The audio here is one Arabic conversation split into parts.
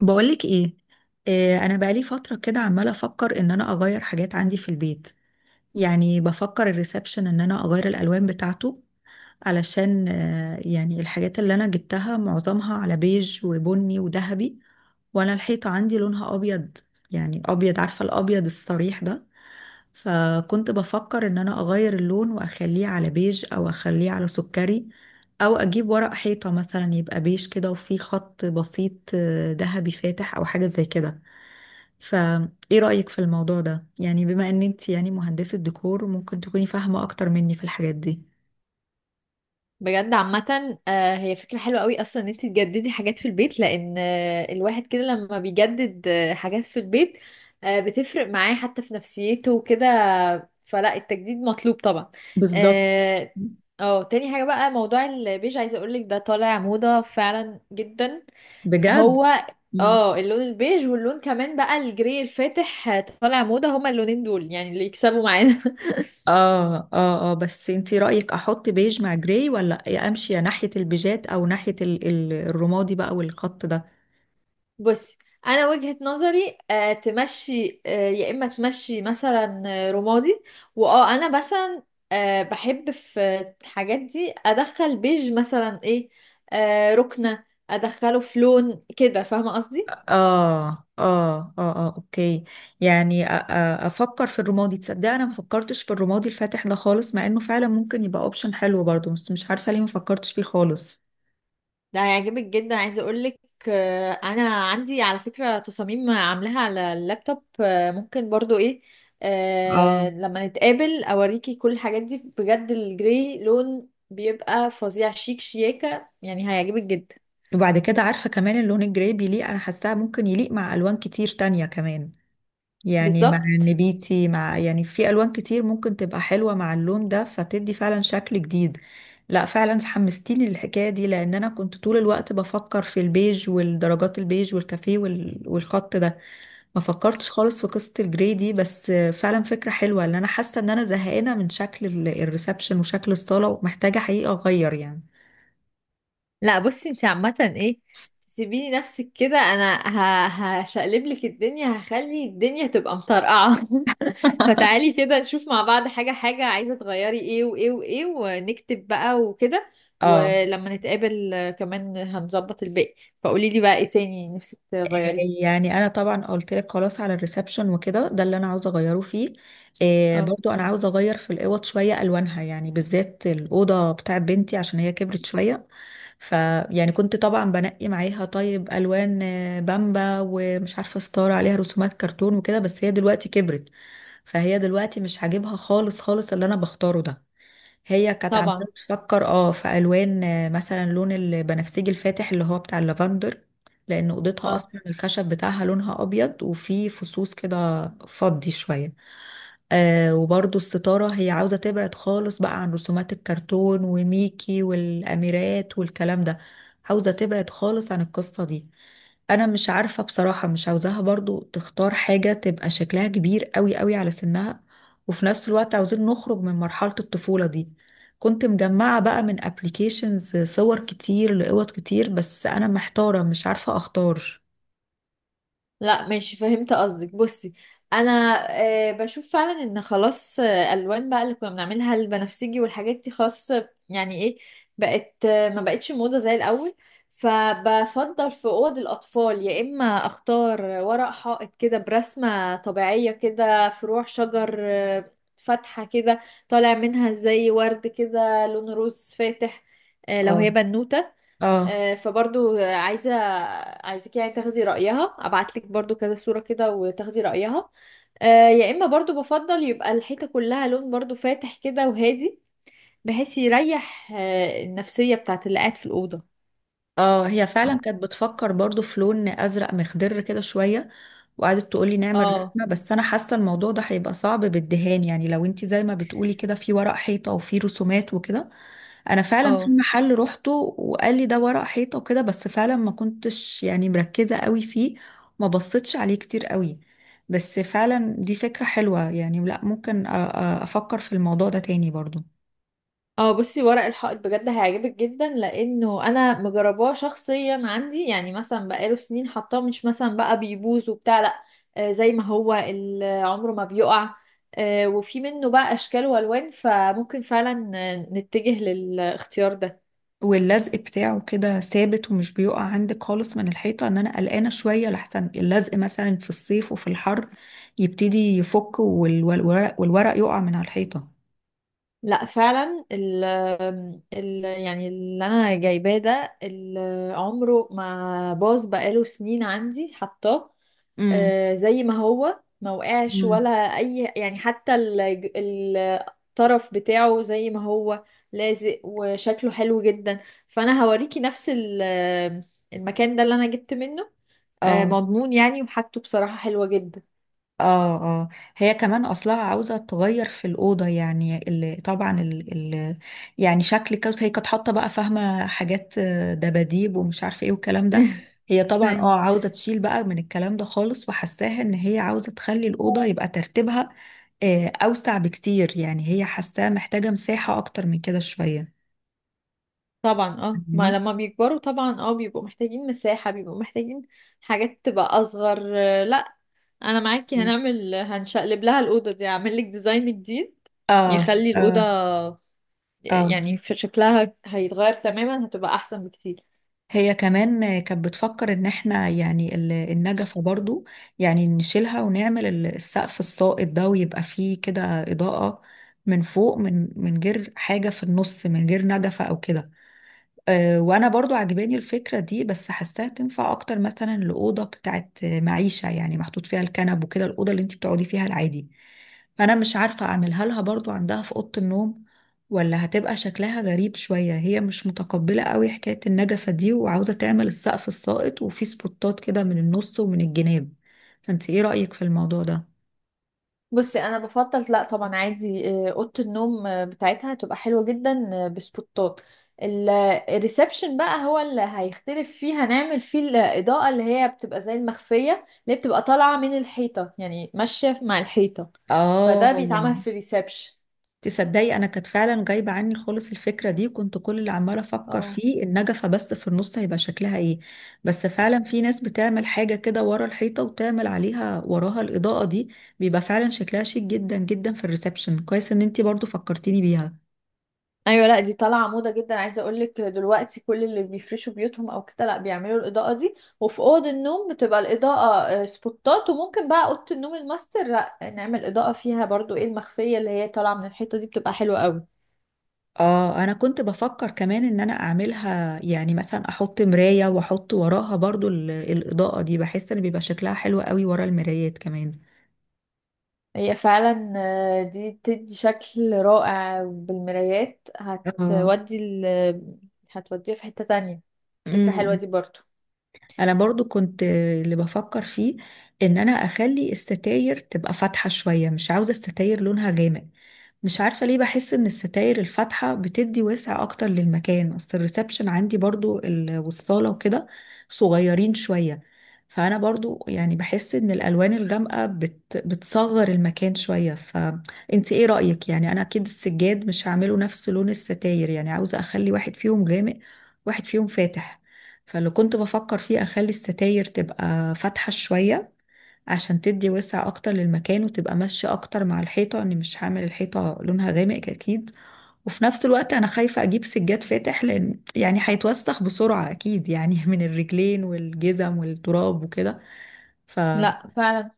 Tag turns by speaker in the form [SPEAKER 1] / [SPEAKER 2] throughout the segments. [SPEAKER 1] بقولك ايه؟ انا بقالي فتره كده عماله افكر ان انا اغير حاجات عندي في البيت. يعني بفكر الريسبشن ان انا اغير الالوان بتاعته، علشان يعني الحاجات اللي انا جبتها معظمها على بيج وبني وذهبي، وانا الحيطه عندي لونها ابيض. يعني ابيض، عارفه الابيض الصريح ده. فكنت بفكر ان انا اغير اللون واخليه على بيج او اخليه على سكري، او اجيب ورق حيطة مثلا يبقى بيج كده وفيه خط بسيط ذهبي فاتح او حاجة زي كده. فايه رأيك في الموضوع ده؟ يعني بما ان انت يعني مهندسة ديكور، ممكن تكوني فاهمة اكتر مني في الحاجات دي.
[SPEAKER 2] بجد عامة، هي فكرة حلوة قوي أصلا إن أنت تجددي حاجات في البيت، لأن الواحد كده لما بيجدد حاجات في البيت بتفرق معاه حتى في نفسيته وكده. فلا، التجديد مطلوب طبعا.
[SPEAKER 1] بالظبط.
[SPEAKER 2] اه. تاني حاجة بقى موضوع البيج، عايزة أقولك ده طالع موضة فعلا جدا.
[SPEAKER 1] بجد؟
[SPEAKER 2] هو.
[SPEAKER 1] مم.
[SPEAKER 2] اه، اللون البيج واللون كمان بقى الجري الفاتح طالع موضة، هما اللونين دول يعني اللي يكسبوا معانا.
[SPEAKER 1] اه، اه، اه، بس انتي رأيك احط بيج مع جراي، ولا امشي يا ناحية البيجات او ناحية الرمادي بقى والخط ده؟
[SPEAKER 2] بصي، انا وجهة نظري تمشي، يا اما تمشي مثلا رمادي. واه، انا مثلا بحب في الحاجات دي، ادخل بيج مثلا ايه ركنة، ادخله في لون كده، فاهمة قصدي؟
[SPEAKER 1] اه، اه، اه، اه، اوكي. يعني افكر في الرمادي. تصدق انا ما فكرتش في الرمادي الفاتح ده خالص، مع انه فعلا ممكن يبقى اوبشن حلو برضه، بس مش عارفه ليه ما فكرتش فيه خالص.
[SPEAKER 2] ده هيعجبك جدا، عايزه اقولك. انا عندي على فكره تصاميم عاملاها على اللابتوب، ممكن برضو ايه.
[SPEAKER 1] اه.
[SPEAKER 2] لما نتقابل اوريكي كل الحاجات دي، بجد الجري لون بيبقى فظيع شيك شياكه، يعني هيعجبك جدا.
[SPEAKER 1] وبعد كده عارفه كمان اللون الجراي بيليق، انا حاساه ممكن يليق مع الوان كتير تانية كمان. يعني مع
[SPEAKER 2] بالظبط.
[SPEAKER 1] النبيتي، مع يعني في الوان كتير ممكن تبقى حلوه مع اللون ده، فتدي فعلا شكل جديد. لا فعلا حمستيني للحكايه دي، لان انا كنت طول الوقت بفكر في البيج والدرجات البيج والكافيه والخط ده. ما فكرتش خالص في قصه الجري دي، بس فعلا فكره حلوه، لان انا حاسه ان انا زهقانه من شكل الريسبشن وشكل الصاله، ومحتاجه حقيقه اغير يعني.
[SPEAKER 2] لا، بصي، انت عامة ايه، تسيبيني نفسك كده انا. هشقلب لك الدنيا، هخلي الدنيا تبقى مطرقعة. فتعالي كده، نشوف مع بعض حاجة حاجة عايزة تغيري ايه وايه وايه، ونكتب بقى وكده.
[SPEAKER 1] اه.
[SPEAKER 2] ولما نتقابل كمان هنظبط الباقي. فقولي لي بقى ايه تاني نفسك تغيري.
[SPEAKER 1] يعني انا طبعا قلت لك خلاص، على الريسبشن وكده ده اللي انا عاوزه اغيره فيه. إيه
[SPEAKER 2] اه.
[SPEAKER 1] برضو انا عاوزه اغير في الاوض شويه الوانها، يعني بالذات الاوضه بتاع بنتي عشان هي كبرت شويه. فيعني كنت طبعا بنقي معاها طيب الوان بامبا، ومش عارفه ستاره عليها رسومات كرتون وكده، بس هي دلوقتي كبرت. فهي دلوقتي مش عاجبها خالص خالص اللي انا بختاره ده. هي كانت عماله
[SPEAKER 2] طبعا.
[SPEAKER 1] تفكر في الوان مثلا لون البنفسجي الفاتح اللي هو بتاع اللافندر، لان اوضتها
[SPEAKER 2] اه.
[SPEAKER 1] اصلا الخشب بتاعها لونها ابيض وفيه فصوص كده فضي شويه. وبرده الستاره هي عاوزه تبعد خالص بقى عن رسومات الكرتون وميكي والاميرات والكلام ده. عاوزه تبعد خالص عن القصه دي. انا مش عارفة بصراحة، مش عاوزاها برضو تختار حاجة تبقى شكلها كبير قوي قوي على سنها، وفي نفس الوقت عاوزين نخرج من مرحلة الطفولة دي. كنت مجمعة بقى من ابليكيشنز صور كتير لقوط كتير، بس انا محتارة مش عارفة اختار.
[SPEAKER 2] لا، ماشي، فهمت قصدك. بصي، انا بشوف فعلا ان خلاص، الوان بقى اللي كنا بنعملها البنفسجي والحاجات دي خلاص، يعني ايه، بقت ما بقتش موضة زي الاول. فبفضل في اوض الاطفال يا اما اختار ورق حائط كده برسمة طبيعية كده، فروع شجر فاتحة كده، طالع منها زي ورد كده لون روز فاتح، لو
[SPEAKER 1] اه،
[SPEAKER 2] هي بنوتة.
[SPEAKER 1] اه،
[SPEAKER 2] فبرضو عايزة، عايزك يعني تاخدي رأيها، ابعتلك برضو كذا صورة كده وتاخدي رأيها. يا اما برضو بفضل يبقى الحيطة كلها لون برضو فاتح كده وهادي، بحيث يريح النفسية بتاعت اللي قاعد في الأوضة.
[SPEAKER 1] اه. هي فعلا كانت بتفكر برضو في لون ازرق مخضر كده شوية، وقعدت تقولي نعمل
[SPEAKER 2] اه
[SPEAKER 1] رسمة، بس انا حاسة الموضوع ده هيبقى صعب بالدهان، يعني لو انت زي ما بتقولي كده في ورق حيطة وفي رسومات وكده. انا فعلا في
[SPEAKER 2] اه
[SPEAKER 1] محل روحته وقال لي ده ورق حيطه وكده، بس فعلا ما كنتش يعني مركزه قوي فيه، ما بصيتش عليه كتير قوي. بس فعلا دي فكره حلوه، يعني لا ممكن افكر في الموضوع ده تاني برضو.
[SPEAKER 2] اه. بصي، ورق الحائط بجد هيعجبك جدا، لانه انا مجرباه شخصيا عندي، يعني مثلا بقاله سنين حطاه، مش مثلا بقى بيبوظ وبتاع، لا. زي ما هو عمره ما بيقع. وفي منه بقى اشكال والوان، فممكن فعلا نتجه للاختيار ده.
[SPEAKER 1] واللزق بتاعه كده ثابت ومش بيقع عندك خالص من الحيطه؟ ان انا قلقانه شويه لحسن اللزق مثلا في الصيف وفي الحر يبتدي يفك والورق، والورق يقع من على الحيطه.
[SPEAKER 2] لا فعلا ال ال يعني اللي انا جايباه ده، عمره ما باظ، بقاله سنين عندي حطاه.
[SPEAKER 1] امم.
[SPEAKER 2] زي ما هو ما وقعش ولا
[SPEAKER 1] امم.
[SPEAKER 2] اي، يعني حتى الطرف بتاعه زي ما هو، لازق وشكله حلو جدا. فانا هوريكي نفس المكان ده اللي انا جبت منه،
[SPEAKER 1] اه،
[SPEAKER 2] مضمون يعني، وحاجته بصراحة حلوة جدا.
[SPEAKER 1] اه، اه. هي كمان اصلها عاوزه تغير في الاوضه، يعني اللي طبعا ال ال يعني شكل كده هي كانت حاطه بقى، فاهمه حاجات دباديب ومش عارفه ايه والكلام ده. هي طبعا
[SPEAKER 2] أي.
[SPEAKER 1] عاوزه تشيل بقى من الكلام ده خالص، وحساها ان هي عاوزه تخلي الاوضه يبقى ترتيبها اوسع بكتير، يعني هي حاساها محتاجه مساحه اكتر من كده شويه.
[SPEAKER 2] طبعا. اه ما
[SPEAKER 1] فاهماني؟
[SPEAKER 2] لما بيكبروا طبعا بيبقوا محتاجين مساحة، بيبقوا محتاجين حاجات تبقى اصغر لا، انا معاكي. هنشقلب لها الأوضة دي، هعمل لك ديزاين جديد
[SPEAKER 1] اه،
[SPEAKER 2] يخلي الأوضة
[SPEAKER 1] اه، اه.
[SPEAKER 2] يعني في شكلها هيتغير تماما، هتبقى احسن بكتير.
[SPEAKER 1] هي كمان كانت بتفكر ان احنا يعني النجفة برضو، يعني نشيلها ونعمل السقف الساقط ده ويبقى فيه كده إضاءة من فوق، من غير حاجة في النص، من غير نجفة او كده. أه وانا برضو عجباني الفكرة دي، بس حاساها تنفع اكتر مثلا لأوضة بتاعت معيشة، يعني محطوط فيها الكنب وكده، الأوضة اللي انت بتقعدي فيها العادي. فانا مش عارفة اعملها لها برضو عندها في اوضة النوم، ولا هتبقى شكلها غريب شوية. هي مش متقبلة قوي حكاية النجفة دي وعاوزة تعمل السقف الساقط وفيه سبوتات كده من النص ومن الجناب. فانت ايه رأيك في الموضوع ده؟
[SPEAKER 2] بصي، انا بفضل، لا طبعا عادي، اوضه النوم بتاعتها هتبقى حلوه جدا بسبوتات. الريسبشن بقى هو اللي هيختلف فيه، هنعمل فيه الاضاءه اللي هي بتبقى زي المخفيه، اللي هي بتبقى طالعه من الحيطه، يعني ماشيه مع الحيطه.
[SPEAKER 1] اه.
[SPEAKER 2] فده بيتعمل في الريسبشن.
[SPEAKER 1] تصدقي انا كانت فعلا جايبه عني خالص الفكره دي، وكنت كل اللي عماله افكر
[SPEAKER 2] اه.
[SPEAKER 1] فيه النجفه بس في النص هيبقى شكلها ايه. بس فعلا في ناس بتعمل حاجه كده ورا الحيطه وتعمل عليها وراها الاضاءه دي، بيبقى فعلا شكلها شيك جدا جدا في الريسبشن. كويس ان انتي برضو فكرتيني بيها.
[SPEAKER 2] ايوه لا، دي طالعه موضه جدا، عايزه اقول لك دلوقتي كل اللي بيفرشوا بيوتهم او كده، لا بيعملوا الاضاءه دي، وفي اوض النوم بتبقى الاضاءه سبوتات، وممكن بقى اوضه النوم الماستر، لا نعمل اضاءه فيها برضو ايه المخفيه اللي هي طالعه من الحيطه دي، بتبقى حلوه قوي.
[SPEAKER 1] اه. انا كنت بفكر كمان ان انا اعملها يعني مثلا احط مرايه واحط وراها برضو الاضاءه دي، بحس ان بيبقى شكلها حلو قوي ورا المرايات كمان.
[SPEAKER 2] هي فعلا دي بتدي شكل رائع، بالمرايات هتودي هتوديها في حته تانية. فكره حلوه
[SPEAKER 1] اه.
[SPEAKER 2] دي برضو.
[SPEAKER 1] انا برضو كنت اللي بفكر فيه ان انا اخلي الستاير تبقى فاتحة شوية، مش عاوزة الستاير لونها غامق. مش عارفة ليه بحس إن الستاير الفاتحة بتدي وسع أكتر للمكان، أصل الريسبشن عندي برضو والصالة وكده صغيرين شوية. فأنا برضو يعني بحس إن الألوان الغامقة بتصغر المكان شوية. فأنت إيه رأيك؟ يعني أنا أكيد السجاد مش هعمله نفس لون الستاير، يعني عاوزة أخلي واحد فيهم غامق واحد فيهم فاتح. فاللي كنت بفكر فيه أخلي الستاير تبقى فاتحة شوية عشان تدي وسع اكتر للمكان، وتبقى ماشية اكتر مع الحيطة، اني مش هعمل الحيطة لونها غامق اكيد. وفي نفس الوقت انا خايفة اجيب سجاد فاتح، لان يعني هيتوسخ بسرعة اكيد يعني، من الرجلين والجزم والتراب وكده. فانت
[SPEAKER 2] لا فعلا،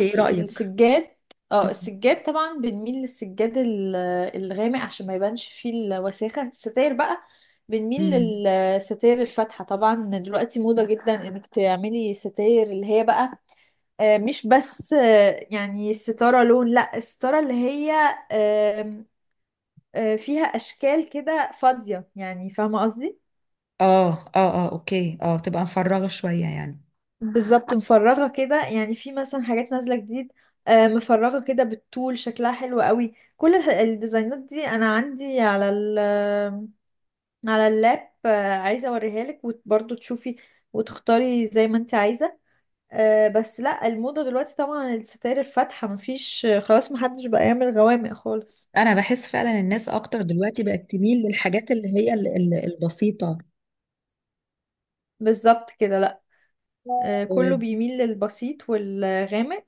[SPEAKER 1] ايه رأيك؟
[SPEAKER 2] السجاد. اه،
[SPEAKER 1] مم.
[SPEAKER 2] السجاد طبعا بنميل للسجاد الغامق، عشان ما يبانش فيه الوساخة. الستاير بقى، بنميل
[SPEAKER 1] مم.
[SPEAKER 2] للستاير الفاتحة طبعا، دلوقتي موضة جدا انك تعملي ستاير اللي هي بقى مش بس يعني الستارة لون، لا الستارة اللي هي آم، فيها أشكال كده فاضية، يعني فاهمة قصدي؟
[SPEAKER 1] اه، اه، اه، اوكي. اه تبقى مفرغة شوية يعني.
[SPEAKER 2] بالظبط، مفرغة كده يعني، في مثلا حاجات نازلة جديد. مفرغة كده بالطول، شكلها حلو قوي. كل الديزاينات دي انا عندي على ال على اللاب، عايزة اوريها لك وبرضه تشوفي، وتختاري زي ما انت عايزة. بس لا، الموضة دلوقتي طبعا الستاير الفاتحة، مفيش خلاص محدش بقى يعمل غوامق خالص.
[SPEAKER 1] انا بحس فعلا الناس اكتر دلوقتي بقت تميل للحاجات اللي هي البسيطة.
[SPEAKER 2] بالظبط كده، لا
[SPEAKER 1] آه.
[SPEAKER 2] كله بيميل للبسيط والغامق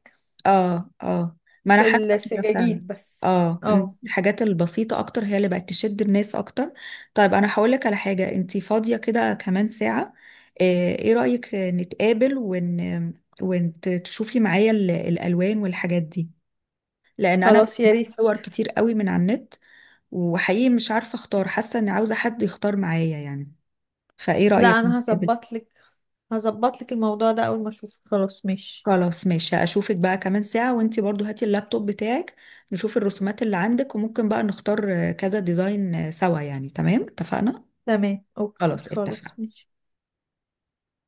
[SPEAKER 1] اه، اه. ما انا
[SPEAKER 2] في
[SPEAKER 1] حاسه كده فعلا.
[SPEAKER 2] السجاجيد بس.
[SPEAKER 1] اه إن
[SPEAKER 2] اه.
[SPEAKER 1] الحاجات البسيطه اكتر هي اللي بقت تشد الناس اكتر. طيب انا هقول لك على حاجه، انتي فاضيه كده كمان ساعه؟ آه، ايه رايك نتقابل وتشوفي معايا الالوان والحاجات دي، لان انا
[SPEAKER 2] خلاص، يا
[SPEAKER 1] بجمع
[SPEAKER 2] ريت.
[SPEAKER 1] صور كتير قوي من على النت، وحقيقي مش عارفه اختار، حاسه اني عاوزه حد يختار معايا يعني. فايه
[SPEAKER 2] لا،
[SPEAKER 1] رايك
[SPEAKER 2] انا
[SPEAKER 1] نتقابل؟
[SPEAKER 2] هظبط لك الموضوع ده اول ما اشوفك. خلاص ماشي.
[SPEAKER 1] خلاص ماشي، اشوفك بقى كمان ساعة، وانتي برضو هاتي اللابتوب بتاعك نشوف الرسومات اللي عندك، وممكن بقى نختار كذا ديزاين سوا، يعني تمام اتفقنا.
[SPEAKER 2] تمام، اوكي،
[SPEAKER 1] خلاص
[SPEAKER 2] خلاص
[SPEAKER 1] اتفقنا.
[SPEAKER 2] ماشي.